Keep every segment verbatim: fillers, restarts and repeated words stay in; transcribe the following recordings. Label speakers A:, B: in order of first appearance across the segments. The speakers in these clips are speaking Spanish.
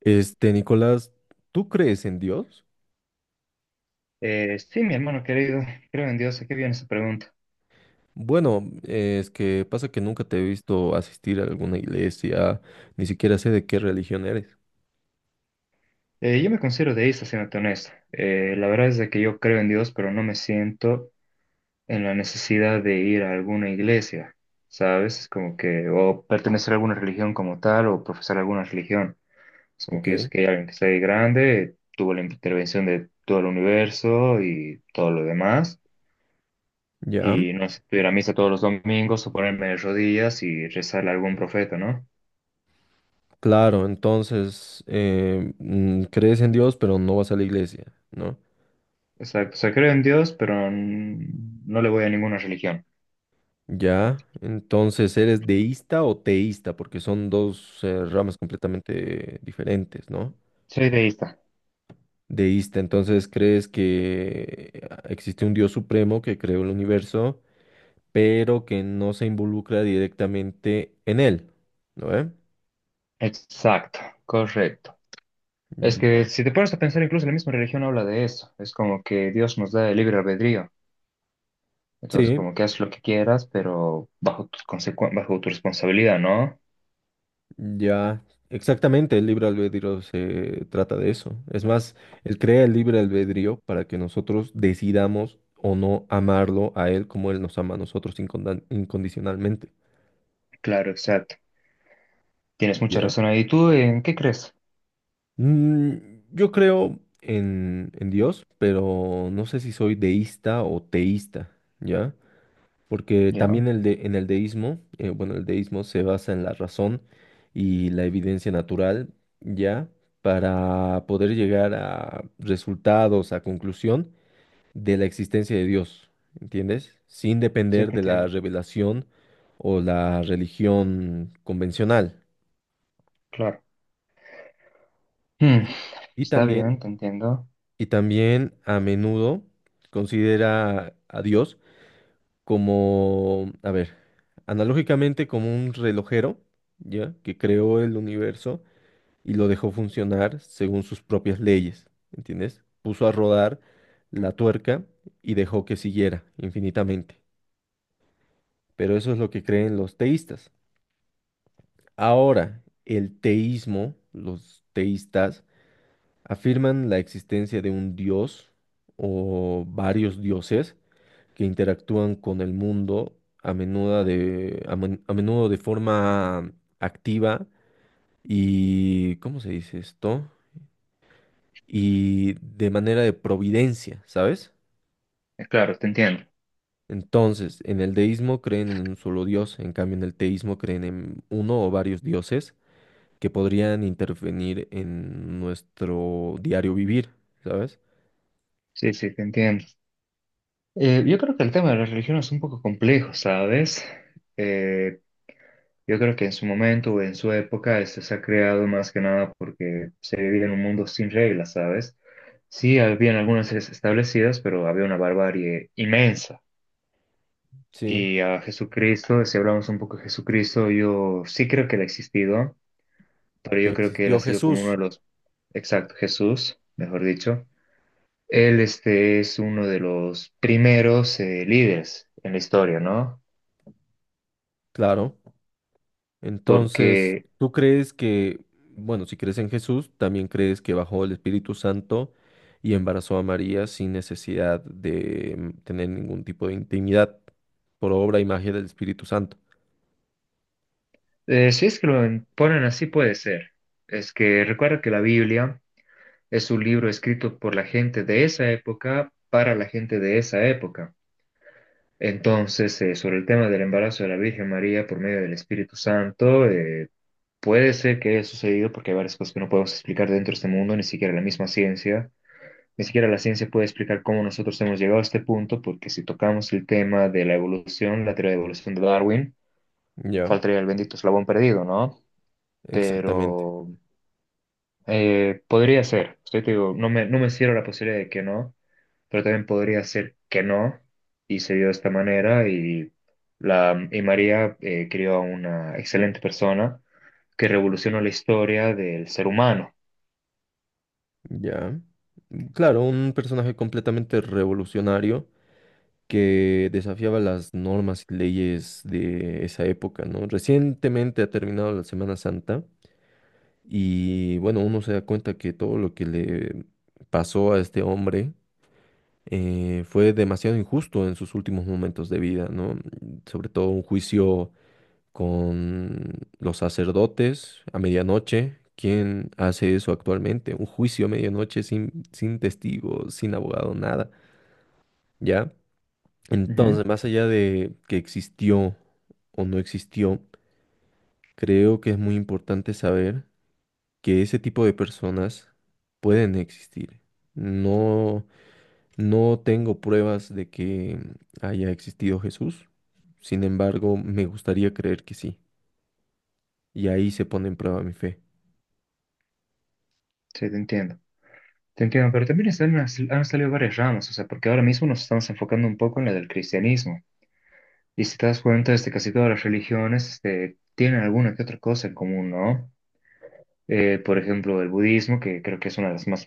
A: Este, Nicolás, ¿tú crees en Dios?
B: Eh, sí, mi hermano querido, creo en Dios. ¿A qué viene esa pregunta?
A: Bueno, eh, es que pasa que nunca te he visto asistir a alguna iglesia, ni siquiera sé de qué religión eres.
B: Eh, yo me considero deísta, siéndote honesto. Eh, la verdad es de que yo creo en Dios, pero no me siento en la necesidad de ir a alguna iglesia, ¿sabes? Es como que, o pertenecer a alguna religión como tal, o profesar alguna religión. Es como que yo sé
A: Ok,
B: que hay alguien que está ahí grande, tuvo la intervención de todo el universo y todo lo demás,
A: ya.
B: y no sé, ir a misa todos los domingos o ponerme de rodillas y rezarle a algún profeta, ¿no?
A: Claro, entonces, eh, mm, crees en Dios, pero no vas a la iglesia, ¿no?
B: Exacto, o sea, creo en Dios, pero n- no le voy a ninguna religión.
A: Ya, entonces, ¿eres deísta o teísta? Porque son dos, eh, ramas completamente diferentes, ¿no?
B: Soy deísta.
A: Deísta, entonces, ¿crees que eh, existe un Dios supremo que creó el universo? Pero que no se involucra directamente en él, ¿no ve?
B: Exacto, correcto. Es que
A: Ya.
B: si te pones a pensar, incluso la misma religión habla de eso. Es como que Dios nos da el libre albedrío. Entonces,
A: Sí,
B: como que haz lo que quieras, pero bajo tu consecu- bajo tu responsabilidad, ¿no?
A: ya, exactamente, el libre albedrío se trata de eso. Es más, él crea el libre albedrío para que nosotros decidamos o no amarlo a él como él nos ama a nosotros incondan- incondicionalmente,
B: Claro, exacto. Tienes mucha
A: ¿ya?
B: razón ahí. ¿Tú en qué crees?
A: Mm, yo creo en, en Dios, pero no sé si soy deísta o teísta, ¿ya? Porque
B: Ya,
A: también el de, en el deísmo, eh, bueno, el deísmo se basa en la razón y la evidencia natural, ya, para poder llegar a resultados, a conclusión de la existencia de Dios, ¿entiendes? Sin
B: sí,
A: depender
B: te
A: de la
B: entiendo.
A: revelación o la religión convencional.
B: Claro. Hmm,
A: Y, y
B: está
A: también,
B: bien, te entiendo.
A: y también a menudo considera a Dios como, a ver, analógicamente como un relojero, ¿ya? Que creó el universo y lo dejó funcionar según sus propias leyes, ¿entiendes? Puso a rodar la tuerca y dejó que siguiera infinitamente. Pero eso es lo que creen los teístas. Ahora, el teísmo, los teístas afirman la existencia de un dios o varios dioses que interactúan con el mundo a menudo de, a, men- a menudo de forma activa y, ¿cómo se dice esto? Y de manera de providencia, ¿sabes?
B: Eh, Claro, te entiendo.
A: Entonces, en el deísmo creen en un solo dios, en cambio en el teísmo creen en uno o varios dioses que podrían intervenir en nuestro diario vivir, ¿sabes?
B: Sí, sí, te entiendo. Eh, yo creo que el tema de la religión es un poco complejo, ¿sabes? Eh, yo creo que en su momento o en su época este se ha creado más que nada porque se vivía en un mundo sin reglas, ¿sabes? Sí, habían algunas leyes establecidas, pero había una barbarie inmensa.
A: Sí,
B: Y a Jesucristo, si hablamos un poco de Jesucristo, yo sí creo que él ha existido, pero
A: que
B: yo creo que él ha
A: existió
B: sido como uno de
A: Jesús,
B: los, exacto, Jesús, mejor dicho. Él este, es uno de los primeros eh, líderes en la historia, ¿no?
A: claro. Entonces,
B: Porque
A: ¿tú crees que, bueno, si crees en Jesús, también crees que bajó el Espíritu Santo y embarazó a María sin necesidad de mm, tener ningún tipo de intimidad por obra y magia del Espíritu Santo?
B: eh, si es que lo ponen así puede ser. Es que recuerda que la Biblia es un libro escrito por la gente de esa época para la gente de esa época. Entonces, eh, sobre el tema del embarazo de la Virgen María por medio del Espíritu Santo, eh, puede ser que haya sucedido porque hay varias cosas que no podemos explicar dentro de este mundo, ni siquiera la misma ciencia. Ni siquiera la ciencia puede explicar cómo nosotros hemos llegado a este punto, porque si tocamos el tema de la evolución, la teoría de evolución de Darwin,
A: Ya,
B: faltaría el bendito eslabón perdido, ¿no?
A: exactamente.
B: Pero eh, podría ser. Estoy, te digo, no me, no me cierro la posibilidad de que no, pero también podría ser que no, y se dio de esta manera, y, la, y María eh, crió a una excelente persona que revolucionó la historia del ser humano.
A: Ya. Mm, claro, un personaje completamente revolucionario que desafiaba las normas y leyes de esa época, ¿no? Recientemente ha terminado la Semana Santa. Y bueno, uno se da cuenta que todo lo que le pasó a este hombre eh, fue demasiado injusto en sus últimos momentos de vida, ¿no? Sobre todo un juicio con los sacerdotes a medianoche. ¿Quién hace eso actualmente? Un juicio a medianoche sin, sin testigo, sin abogado, nada, ¿ya?
B: Ujú,
A: Entonces, más allá de que existió o no existió, creo que es muy importante saber que ese tipo de personas pueden existir. No, no tengo pruebas de que haya existido Jesús. Sin embargo, me gustaría creer que sí. Y ahí se pone en prueba mi fe.
B: sí, te entiendo. Te entiendo, pero también están- han salido varias ramas, o sea, porque ahora mismo nos estamos enfocando un poco en la del cristianismo. Y si te das cuenta, este, casi todas las religiones, este, tienen alguna que otra cosa en común, ¿no? Eh, por ejemplo, el budismo, que creo que es una de las más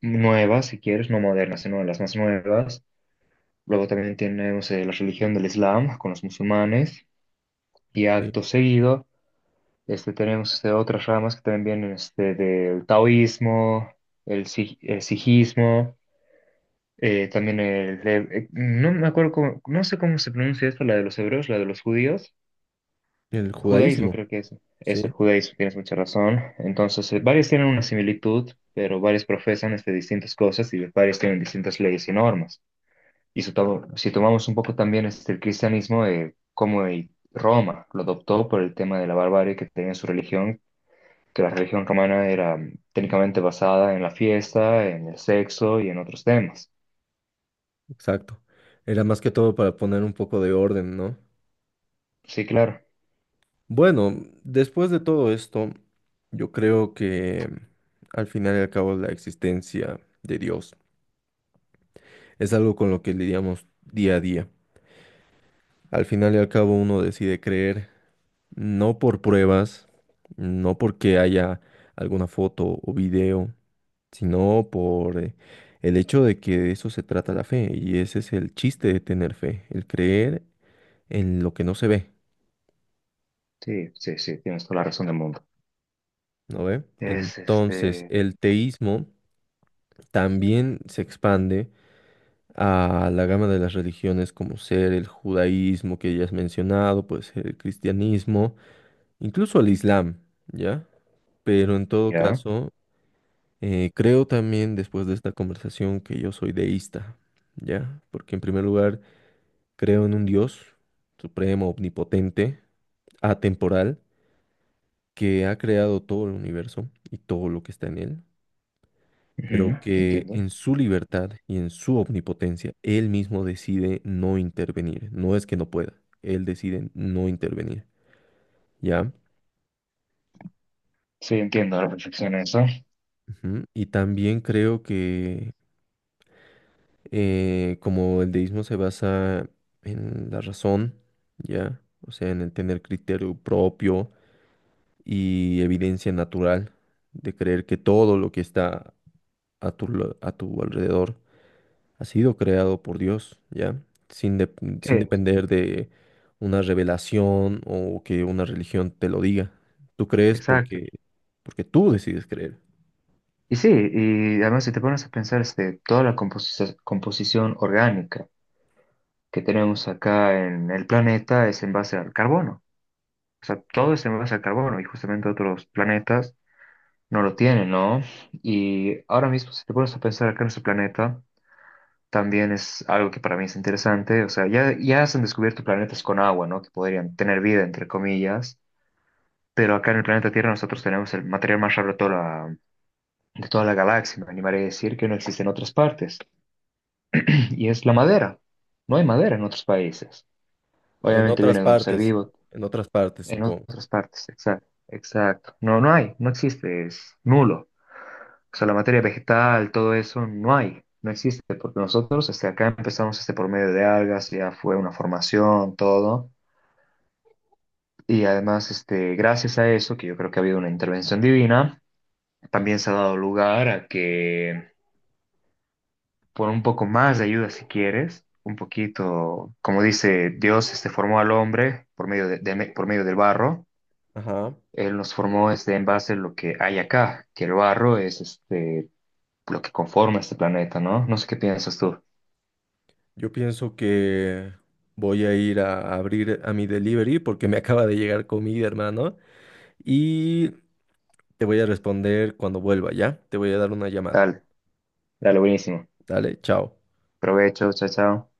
B: nuevas, si quieres, no modernas, sino de las más nuevas. Luego también tenemos eh, la religión del Islam con los musulmanes. Y
A: Sí.
B: acto seguido, este, tenemos este, otras ramas que también vienen este, del taoísmo, el, si- el sijismo, eh, también el... de- eh, no me acuerdo cómo- no sé cómo se pronuncia esto, la de los hebreos, la de los judíos.
A: El
B: Judaísmo,
A: judaísmo.
B: creo que es, es el
A: Sí,
B: judaísmo, tienes mucha razón. Entonces, eh, varios tienen una similitud, pero varios profesan este, distintas cosas y varios tienen distintas leyes y normas. Y si, to- si tomamos un poco también este, el cristianismo, eh, como el- Roma lo adoptó por el tema de la barbarie que tenía en su religión, que la religión romana era mm, técnicamente basada en la fiesta, en el sexo y en otros temas.
A: exacto. Era más que todo para poner un poco de orden, ¿no?
B: Sí, claro.
A: Bueno, después de todo esto, yo creo que al final y al cabo la existencia de Dios es algo con lo que lidiamos día a día. Al final y al cabo uno decide creer, no por pruebas, no porque haya alguna foto o video, sino por eh, el hecho de que de eso se trata la fe. Y ese es el chiste de tener fe, el creer en lo que no se ve,
B: Sí, sí, sí, tienes toda la razón del mundo.
A: ¿no ve?
B: Es
A: Entonces,
B: este,
A: el teísmo también se expande a la gama de las religiones como ser el judaísmo que ya has mencionado, puede ser el cristianismo, incluso el islam, ¿ya? Pero en todo
B: ya,
A: caso, Eh, creo también después de esta conversación que yo soy deísta, ¿ya? Porque en primer lugar creo en un Dios supremo, omnipotente, atemporal, que ha creado todo el universo y todo lo que está en él, pero
B: ujú,
A: que
B: entiendo.
A: en su libertad y en su omnipotencia, él mismo decide no intervenir. No es que no pueda, él decide no intervenir, ¿ya?
B: Sí, entiendo a la perfección eso.
A: Ujú. Y también creo, Eh, como el deísmo se basa en la razón, ¿ya? O sea, en el tener criterio propio y evidencia natural de creer que todo lo que está a tu, lo- a tu alrededor ha sido creado por Dios, ¿ya? Sin, dep- sin
B: Sí,
A: depender de una revelación o que una religión te lo diga. Tú crees
B: exacto.
A: porque, porque, tú decides creer.
B: Y sí, y además si te pones a pensar este, toda la composici- composición orgánica que tenemos acá en el planeta es en base al carbono. O sea, todo es en base al carbono y justamente otros planetas no lo tienen, ¿no? Y ahora mismo si te pones a pensar acá en nuestro planeta, también es algo que para mí es interesante. O sea, ya, ya se han descubierto planetas con agua, ¿no? Que podrían tener vida, entre comillas. Pero acá en el planeta Tierra nosotros tenemos el material más raro de todo de toda la galaxia, me animaré a decir que no existe en otras partes, y es la madera. No hay madera en otros países.
A: En
B: Obviamente
A: otras
B: viene de un ser
A: partes,
B: vivo
A: en otras partes,
B: en
A: supongo.
B: otras partes, exacto, exacto. No, no hay, no existe, es nulo. O sea, la materia vegetal, todo eso, no hay, no existe, porque nosotros este, acá empezamos este, por medio de algas, ya fue una formación, todo. Y además, este, gracias a eso, que yo creo que ha habido una intervención divina, también se ha dado lugar a que por un poco más de ayuda si quieres, un poquito, como dice Dios, este formó al hombre por medio de, de- por medio del barro.
A: Ajá.
B: Él nos formó este en base a lo que hay acá, que el barro es este lo que conforma este planeta, ¿no? No sé qué piensas tú.
A: Yo pienso que voy a ir a abrir a mi delivery porque me acaba de llegar comida, hermano. Y te voy a responder cuando vuelva, ¿ya? Te voy a dar una llamada.
B: Dale, dale, buenísimo.
A: Dale, chao.
B: Provecho, chao, chao.